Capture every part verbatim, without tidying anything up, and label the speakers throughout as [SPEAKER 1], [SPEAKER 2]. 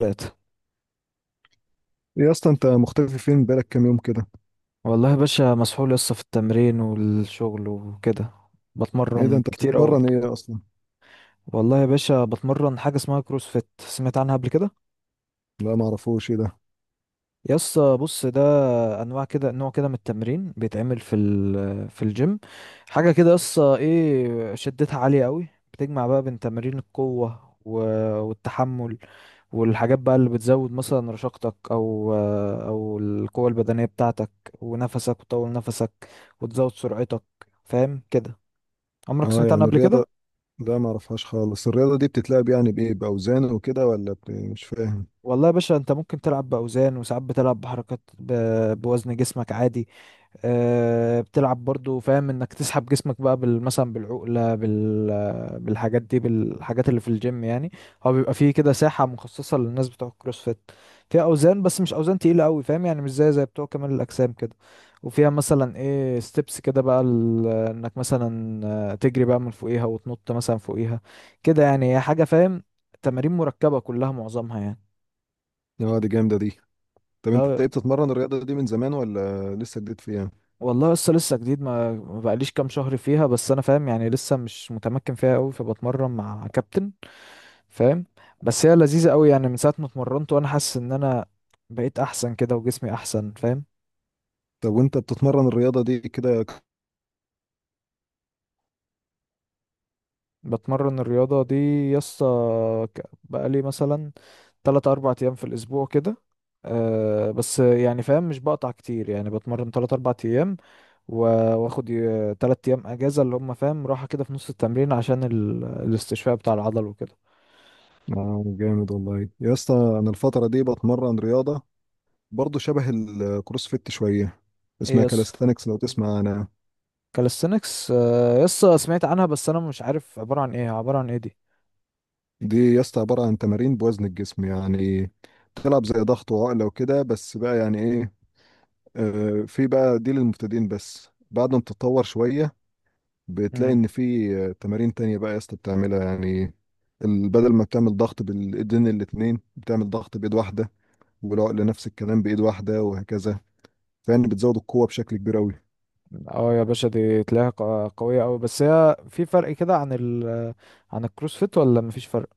[SPEAKER 1] تلاتة.
[SPEAKER 2] ايه يا اسطى، انت مختفي فين؟ بقالك كام يوم كده؟
[SPEAKER 1] والله يا باشا، مسحول لسه في التمرين والشغل وكده.
[SPEAKER 2] ايه ده؟
[SPEAKER 1] بتمرن
[SPEAKER 2] انت
[SPEAKER 1] كتير قوي.
[SPEAKER 2] بتتمرن ايه اصلا؟
[SPEAKER 1] والله يا باشا بتمرن حاجة اسمها كروسفيت، سمعت عنها قبل كده؟
[SPEAKER 2] لا، ما اعرفوش، ايه ده؟
[SPEAKER 1] يسا بص، ده انواع كده، نوع كده من التمرين بيتعمل في ال- في الجيم. حاجه كده، قصه ايه، شدتها عاليه قوي. بتجمع بقى بين تمارين القوه و- والتحمل. والحاجات بقى اللي بتزود مثلا رشاقتك او او القوه البدنيه بتاعتك. ونفسك وتطول نفسك وتزود سرعتك. فاهم كده؟ عمرك
[SPEAKER 2] اه،
[SPEAKER 1] سمعت عنها
[SPEAKER 2] يعني
[SPEAKER 1] قبل كده؟
[SPEAKER 2] الرياضه. لا، ما اعرفهاش خالص. الرياضه دي بتتلعب يعني بايه؟ باوزان وكده ولا ب... مش فاهم.
[SPEAKER 1] والله يا باشا انت ممكن تلعب باوزان، وساعات بتلعب بحركات ب- بوزن جسمك عادي. آه، بتلعب برضو، فاهم انك تسحب جسمك بقى بال- مثلا بالعقلة، بال بالحاجات دي، بالحاجات اللي في الجيم يعني. هو بيبقى فيه كده ساحة مخصصة للناس بتوع الكروسفيت. فيها اوزان، بس مش اوزان تقيلة قوي، فاهم؟ يعني مش زي زي بتوع كمال الاجسام كده. وفيها مثلا ايه ستيبس كده بقى، ال- انك مثلا آه، تجري بقى من فوقيها وتنط مثلا فوقيها كده، يعني هي حاجة، فاهم؟ تمارين مركبة كلها، معظمها يعني.
[SPEAKER 2] اه، دي جامده دي. طب انت ايه، بتتمرن الرياضه دي من زمان ولا لسه جديد فيها؟
[SPEAKER 1] والله لسه لسه جديد، ما ما بقاليش كام شهر فيها، بس انا فاهم يعني، لسه مش متمكن فيها قوي، فبتمرن مع كابتن، فاهم؟ بس هي لذيذة قوي، يعني من ساعة ما اتمرنت وانا حاسس ان انا بقيت احسن كده وجسمي احسن، فاهم؟
[SPEAKER 2] طب وانت بتتمرن الرياضه دي كده ك-
[SPEAKER 1] بتمرن الرياضة دي، يسطا، ك- بقالي مثلا تلات اربع ايام في الاسبوع كده. أه، بس يعني فاهم، مش بقطع كتير، يعني بتمرن تلات اربع ايام و- واخد ي- تلات ايام اجازة، اللي هم فاهم راحة كده في نص التمرين، عشان ال- الاستشفاء بتاع العضل وكده.
[SPEAKER 2] اه جامد والله يا اسطى. انا الفتره دي بتمرن رياضه برضو شبه الكروسفيت شويه،
[SPEAKER 1] ايه
[SPEAKER 2] اسمها
[SPEAKER 1] يس.
[SPEAKER 2] كالستانكس لو تسمع. انا
[SPEAKER 1] كاليستنكس، آه، يس سمعت عنها، بس انا مش عارف عبارة عن ايه، عبارة عن ايه دي؟
[SPEAKER 2] دي يا اسطى عبارة عن تمارين بوزن الجسم، يعني تلعب زي ضغط وعقلة وكده، بس بقى يعني ايه، آه، في بقى دي للمبتدئين، بس بعد ما بتتطور شوية بتلاقي
[SPEAKER 1] مم.
[SPEAKER 2] ان في آه، تمارين تانية بقى يا اسطى بتعملها، يعني ال- بدل ما بتعمل ضغط بالايدين الاتنين، بتعمل ضغط بايد واحدة، والعقلة نفس الكلام بايد واحدة وهكذا. فيعني بتزود القوة بشكل كبير قوي.
[SPEAKER 1] اه يا باشا، دي تلاقيها ق- قوية قوي، بس هي في فرق كده عن ال عن الكروسفيت ولا مفيش فرق؟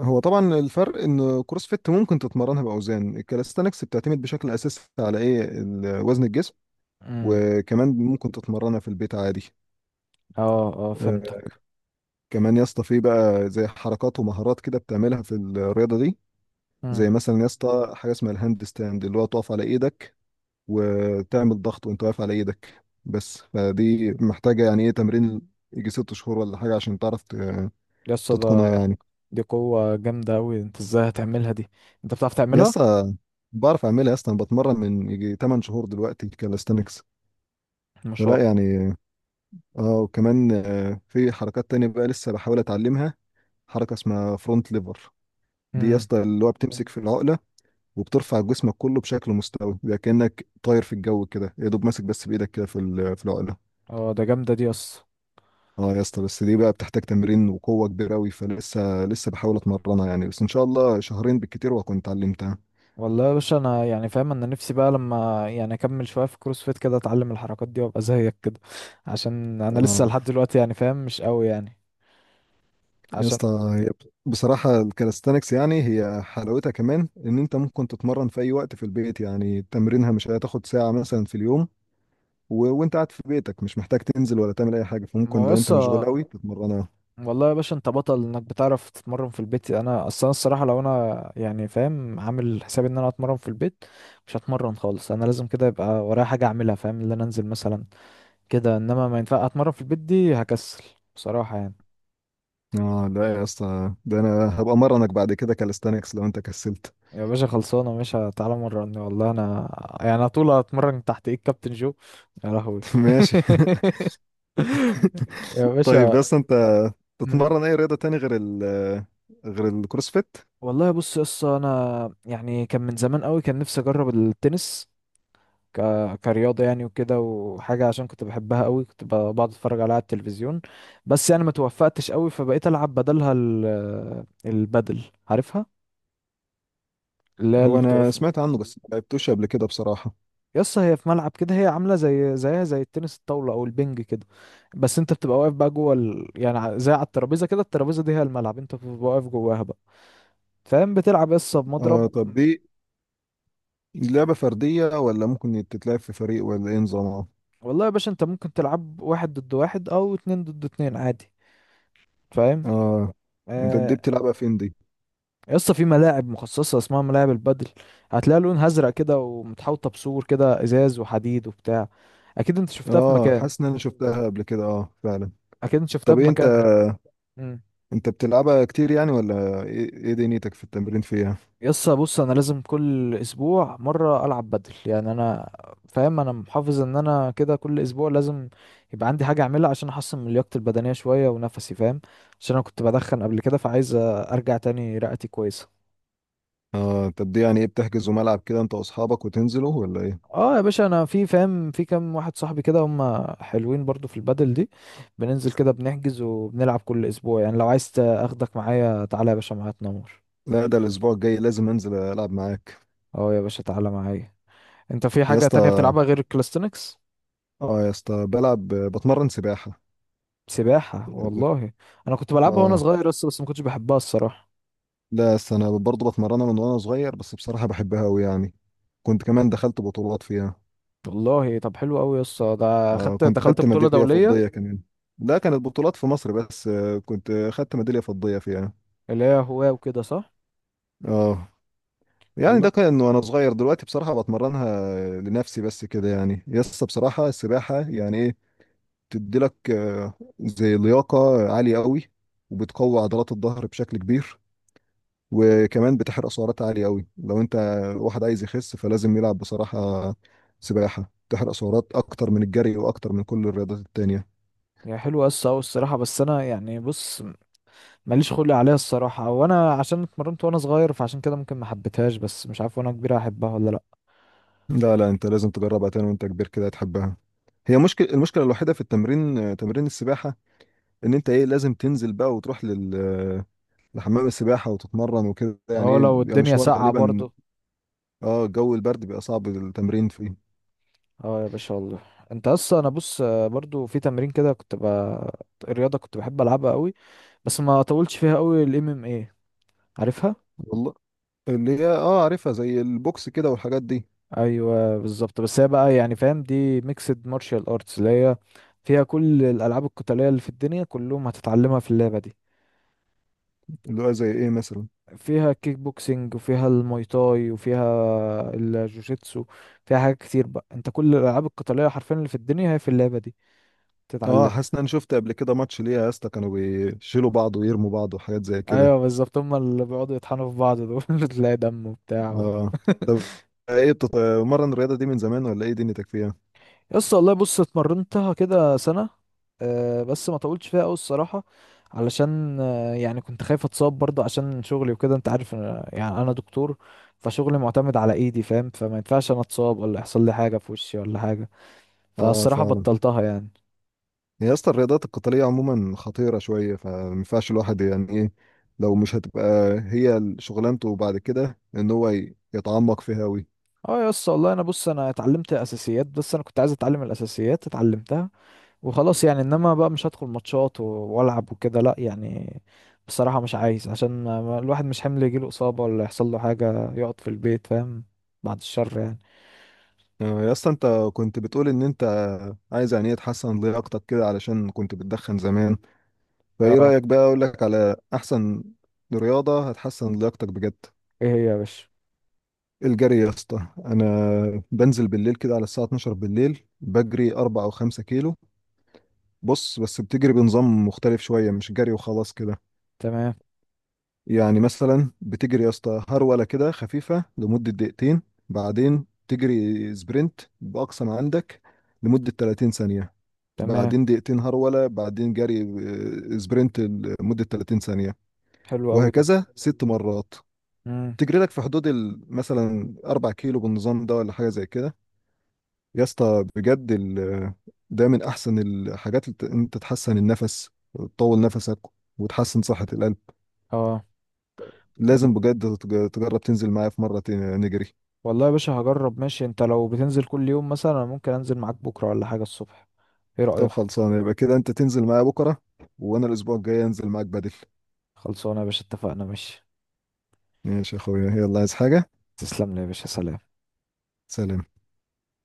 [SPEAKER 2] هو طبعا الفرق ان كروس فيت ممكن تتمرنها باوزان، الكاليستانكس بتعتمد بشكل اساسي على ايه، ال- وزن الجسم.
[SPEAKER 1] امم.
[SPEAKER 2] وكمان ممكن تتمرنها في البيت عادي.
[SPEAKER 1] اه اه
[SPEAKER 2] آه،
[SPEAKER 1] فهمتك.
[SPEAKER 2] كمان يا اسطى في بقى زي حركات ومهارات كده بتعملها في الرياضة دي.
[SPEAKER 1] امم.
[SPEAKER 2] زي مثلا يا اسطى حاجة اسمها الهاند ستاند، اللي هو تقف على ايدك وتعمل ضغط وانت واقف على ايدك، بس فدي محتاجة يعني ايه تمرين، يجي ست شهور ولا حاجة، عشان تعرف ت-
[SPEAKER 1] يس
[SPEAKER 2] تتقنها
[SPEAKER 1] ده.
[SPEAKER 2] يعني.
[SPEAKER 1] دي قوة جامدة قوي، انت ازاي هتعملها دي؟ انت بتعرف
[SPEAKER 2] يا
[SPEAKER 1] تعملها؟
[SPEAKER 2] اسطى بعرف اعملها يا اسطى. انا بتمرن من يجي تمن شهور دلوقتي كالستنكس،
[SPEAKER 1] ما شاء
[SPEAKER 2] فلا
[SPEAKER 1] الله.
[SPEAKER 2] يعني. اه، وكمان آه، في حركات تانية بقى لسه بحاول اتعلمها، حركة اسمها فرونت ليفر. دي يا
[SPEAKER 1] امم.
[SPEAKER 2] اسطى اللي هو بتمسك في العقله، وبترفع جسمك كله بشكل مستوي، بيبقى كانك طاير في الجو كده، يا دوب ماسك بس بايدك كده في ال- في العقله.
[SPEAKER 1] اه ده جامدة دي يس.
[SPEAKER 2] اه يا اسطى، بس دي بقى بتحتاج تمرين وقوه كبيره قوي، فلسه لسه بحاول اتمرنها يعني، بس ان شاء الله شهرين بالكتير واكون اتعلمتها.
[SPEAKER 1] والله يا باشا، انا يعني فاهم، انا نفسي بقى لما يعني اكمل شويه في كروس فيت كده، اتعلم الحركات دي وابقى زيك كده. عشان انا لسه
[SPEAKER 2] اه
[SPEAKER 1] لحد دلوقتي يعني فاهم مش قوي يعني.
[SPEAKER 2] يا
[SPEAKER 1] عشان.
[SPEAKER 2] اسطى، هي بصراحه الكالستانكس يعني هي حلاوتها كمان ان انت ممكن تتمرن في اي وقت في البيت، يعني تمرينها مش هتاخد ساعه مثلا في اليوم، و... وانت قاعد في بيتك مش محتاج تنزل ولا تعمل اي حاجه،
[SPEAKER 1] ما
[SPEAKER 2] فممكن
[SPEAKER 1] هو
[SPEAKER 2] لو انت
[SPEAKER 1] لسه.
[SPEAKER 2] مشغول قوي تتمرنها.
[SPEAKER 1] والله يا باشا، انت بطل انك بتعرف تتمرن في البيت، انا اصلا الصراحه لو انا يعني فاهم عامل حسابي ان انا اتمرن في البيت مش هتمرن خالص، انا لازم كده يبقى ورايا حاجه اعملها، فاهم، اللي انا انزل مثلا كده، انما ما ينفع اتمرن في البيت دي، هكسل بصراحه يعني.
[SPEAKER 2] اه لا يا اسطى، ده انا هبقى مرنك بعد كده كاليستانكس لو انت كسلت.
[SPEAKER 1] يا باشا خلصانة، مش تعالى مرة؟ والله أنا يعني، أنا طول أتمرن تحت إيد كابتن جو. يا لهوي
[SPEAKER 2] ماشي.
[SPEAKER 1] يا
[SPEAKER 2] طيب،
[SPEAKER 1] باشا.
[SPEAKER 2] بس انت
[SPEAKER 1] مم.
[SPEAKER 2] تتمرن اي رياضة تاني غير ال غير الكروسفيت؟
[SPEAKER 1] والله بص يا اسطى، أنا يعني كان من زمان قوي كان نفسي أجرب التنس ك... كرياضة يعني وكده، وحاجة عشان كنت بحبها قوي، كنت ب- بقعد أتفرج عليها على التلفزيون. بس يعني ما توفقتش قوي، فبقيت ألعب بدلها ال... البدل، عارفها؟ اللي هي اللي
[SPEAKER 2] هو انا
[SPEAKER 1] بتقف.
[SPEAKER 2] سمعت عنه بس ما لعبتوش قبل كده بصراحة.
[SPEAKER 1] يس، هي في ملعب كده، هي عامله زي، زيها زي التنس الطاوله او البنج كده، بس انت بتبقى واقف بقى جوه ال... يعني ع- زي على الترابيزه كده، الترابيزه دي هي الملعب، انت بتبقى واقف جواها بقى، فاهم؟ بتلعب يس
[SPEAKER 2] اه،
[SPEAKER 1] بمضرب.
[SPEAKER 2] طب دي لعبة فردية، ولا ممكن تتلعب في فريق، ولا ايه نظامها؟
[SPEAKER 1] والله يا باشا، انت ممكن تلعب واحد ضد واحد او اتنين ضد اتنين عادي، فاهم؟
[SPEAKER 2] اه، انت دي
[SPEAKER 1] آه.
[SPEAKER 2] بتلعبها فين دي؟
[SPEAKER 1] يس في ملاعب مخصصه اسمها ملاعب البادل، هتلاقي لونها ازرق كده ومتحوطه بسور كده ازاز وحديد وبتاع، اكيد انت شفتها في
[SPEAKER 2] اه،
[SPEAKER 1] مكان.
[SPEAKER 2] حاسس ان انا شفتها قبل كده، اه فعلا.
[SPEAKER 1] اكيد انت شفتها
[SPEAKER 2] طب
[SPEAKER 1] في
[SPEAKER 2] ايه انت،
[SPEAKER 1] مكان.
[SPEAKER 2] انت بتلعبها كتير يعني، ولا ايه إيه دنيتك في التمرين فيها؟
[SPEAKER 1] يسا بص، انا لازم كل اسبوع مره العب بدل، يعني انا فاهم انا محافظ ان انا كده كل اسبوع لازم يبقى عندي حاجه اعملها، عشان احسن من لياقتي البدنيه شويه ونفسي، فاهم، عشان انا كنت بدخن قبل كده، فعايز ارجع تاني رئتي كويسه.
[SPEAKER 2] اه، طب دي يعني ايه، بتحجزوا ملعب كده انت واصحابك وتنزلوا، ولا ايه؟
[SPEAKER 1] اه يا باشا، انا في فاهم في كام واحد صاحبي كده هم حلوين برضو في البدل دي، بننزل كده بنحجز وبنلعب كل اسبوع، يعني لو عايز اخدك معايا تعالى يا باشا معايا تنور.
[SPEAKER 2] لا، ده الاسبوع الجاي لازم انزل العب معاك.
[SPEAKER 1] اه يا باشا تعالى معايا. انت في
[SPEAKER 2] يا
[SPEAKER 1] حاجه تانية
[SPEAKER 2] اسطى،
[SPEAKER 1] بتلعبها غير الكلاستنكس؟
[SPEAKER 2] اه يا اسطى، بلعب، بتمرن سباحة.
[SPEAKER 1] سباحة، والله انا كنت بلعبها وانا
[SPEAKER 2] اه
[SPEAKER 1] صغير، بس بس ما كنتش بحبها الصراحة.
[SPEAKER 2] لا يا اسطى، انا برضه بتمرنها من وانا صغير، بس بصراحة بحبها قوي يعني، كنت كمان دخلت بطولات فيها.
[SPEAKER 1] والله طب حلو قوي يا اسطى، ده
[SPEAKER 2] اه،
[SPEAKER 1] خدت
[SPEAKER 2] كنت
[SPEAKER 1] دخلت
[SPEAKER 2] خدت
[SPEAKER 1] بطولة
[SPEAKER 2] ميدالية
[SPEAKER 1] دولية؟
[SPEAKER 2] فضية كمان. لا، كانت بطولات في مصر بس، آه، كنت خدت ميدالية فضية فيها.
[SPEAKER 1] اللي هي هواة وكده صح؟
[SPEAKER 2] اه، يعني ده
[SPEAKER 1] والله.
[SPEAKER 2] كان وانا صغير، دلوقتي بصراحة بتمرنها لنفسي بس كده، يعني يس. بصراحة السباحة يعني ايه، بتديلك آه، زي لياقة عالية قوي، وبتقوي عضلات الظهر بشكل كبير، وكمان بتحرق سعرات عالية قوي. لو انت واحد عايز يخس، فلازم يلعب بصراحة سباحة. تحرق سعرات اكتر من الجري واكتر من كل الرياضات التانية.
[SPEAKER 1] هي حلوة يا اسطى أوي الصراحة، بس انا يعني بص، ماليش خلق عليها الصراحة، وانا عشان اتمرنت وانا صغير فعشان كده ممكن ما حبيتهاش، بس مش عارف وانا كبير هحبها ولا لا.
[SPEAKER 2] لا لا، انت لازم تجربها تاني وانت كبير، كده هتحبها. هي مشكلة المشكلة الوحيدة في التمرين، آه، تمرين السباحة، ان انت ايه، لازم تنزل بقى وتروح لل آه، لحمام السباحة وتتمرن وكده، يعني
[SPEAKER 1] اه،
[SPEAKER 2] ايه
[SPEAKER 1] لو
[SPEAKER 2] بيبقى
[SPEAKER 1] الدنيا
[SPEAKER 2] مشوار
[SPEAKER 1] ساقعة
[SPEAKER 2] غالبا.
[SPEAKER 1] برضو.
[SPEAKER 2] اه، جو البرد بيبقى صعب التمرين فيه.
[SPEAKER 1] اه يا باشا والله. انت اصلا، انا بص آه، برضو في تمرين كده كنت ب... رياضة كنت بحب العبها قوي، بس ما طولتش فيها قوي، الام ام ايه عارفها؟
[SPEAKER 2] والله، اللي هي اه عارفها، زي البوكس كده والحاجات دي.
[SPEAKER 1] ايوه بالظبط، بس هي بقى يعني فاهم دي ميكسد مارشال ارتس، اللي هي فيها كل الالعاب القتاليه اللي في الدنيا كلهم هتتعلمها في اللعبه دي.
[SPEAKER 2] اللي هو زي ايه مثلا؟
[SPEAKER 1] فيها كيك بوكسينج وفيها المايتاي وفيها الجوجيتسو، فيها حاجات كتير بقى، انت كل الالعاب القتاليه حرفيا اللي في الدنيا هي في اللعبه دي
[SPEAKER 2] اه، حاسس
[SPEAKER 1] تتعلمها.
[SPEAKER 2] ان انا شفت قبل كده ماتش ليها يا اسطى، كانوا بيشيلوا بعض ويرموا بعض وحاجات زي كده.
[SPEAKER 1] ايوه بالظبط، هم اللي بيقعدوا يطحنوا في بعض دول تلاقي دم وبتاع و...
[SPEAKER 2] اه، طب ايه، بتتمرن الرياضه دي من زمان، ولا ايه دنيتك فيها؟
[SPEAKER 1] يس والله بص، اتمرنتها كده سنة، أه بس ما طولتش فيها قوي الصراحة، علشان أه يعني كنت خايف اتصاب برضه عشان شغلي وكده، انت عارف أنا يعني انا دكتور، فشغلي معتمد على ايدي، فاهم، فما ينفعش انا اتصاب ولا يحصل لي حاجة في وشي ولا حاجة،
[SPEAKER 2] اه
[SPEAKER 1] فالصراحة
[SPEAKER 2] فعلا.
[SPEAKER 1] بطلتها يعني.
[SPEAKER 2] يا اسطى الرياضات القتاليه عموما خطيره شويه، فما ينفعش الواحد يعني ايه، لو مش هتبقى هي شغلانته بعد كده ان هو ي- يتعمق فيها قوي.
[SPEAKER 1] اه يس والله، انا بص انا اتعلمت اساسيات، بس انا كنت عايز اتعلم الاساسيات اتعلمتها وخلاص يعني، انما بقى مش هدخل ماتشات و- والعب وكده لا يعني، بصراحة مش عايز عشان ما- ما- الواحد مش حمل يجيله إصابة ولا يحصل له حاجة يقعد في البيت، فاهم، بعد الشر يعني.
[SPEAKER 2] آه، يا اسطى، انت كنت بتقول ان انت عايز يعني ايه تحسن لياقتك كده، علشان كنت بتدخن زمان. فايه
[SPEAKER 1] اه.
[SPEAKER 2] رأيك بقى، اقول لك على احسن رياضة هتحسن لياقتك بجد؟
[SPEAKER 1] ايه هي يا باشا؟
[SPEAKER 2] الجري يا اسطى. انا بنزل بالليل كده على الساعة الثانية عشرة بالليل، بجري اربعة او خمسة كيلو. بص، بس بتجري بنظام مختلف شوية، مش جري وخلاص كده.
[SPEAKER 1] تمام.
[SPEAKER 2] يعني مثلا بتجري يا اسطى هرولة كده خفيفة لمدة دقيقتين، بعدين تجري سبرنت بأقصى ما عندك لمدة تلاتين ثانية،
[SPEAKER 1] تمام.
[SPEAKER 2] بعدين دقيقتين هرولة، بعدين جري آه، سبرنت لمدة تلاتين ثانية،
[SPEAKER 1] حلو قوي ده.
[SPEAKER 2] وهكذا ست مرات.
[SPEAKER 1] امم.
[SPEAKER 2] تجري لك في حدود ال- مثلا اربعة كيلو بالنظام ده، ولا حاجه زي كده. يا اسطى بجد، ال- ده من احسن الحاجات اللي ت- انت تحسن النفس وتطول نفسك وتحسن صحه القلب.
[SPEAKER 1] اه. وال-
[SPEAKER 2] لازم بجد تج- تجرب تنزل معايا في مره ت- نجري.
[SPEAKER 1] والله يا باشا هجرب، ماشي، انت لو بتنزل كل يوم مثلا أنا ممكن انزل معاك بكرة ولا حاجة الصبح، ايه
[SPEAKER 2] طب
[SPEAKER 1] رأيك؟
[SPEAKER 2] خلصانه، يبقى كده انت تنزل معايا بكره، وانا الاسبوع الجاي انزل معاك بدل.
[SPEAKER 1] خلصانة يا باشا اتفقنا، ماشي.
[SPEAKER 2] ماشي يا اخويا، يلا، عايز حاجه؟
[SPEAKER 1] تسلم لي يا باشا، سلام.
[SPEAKER 2] سلام.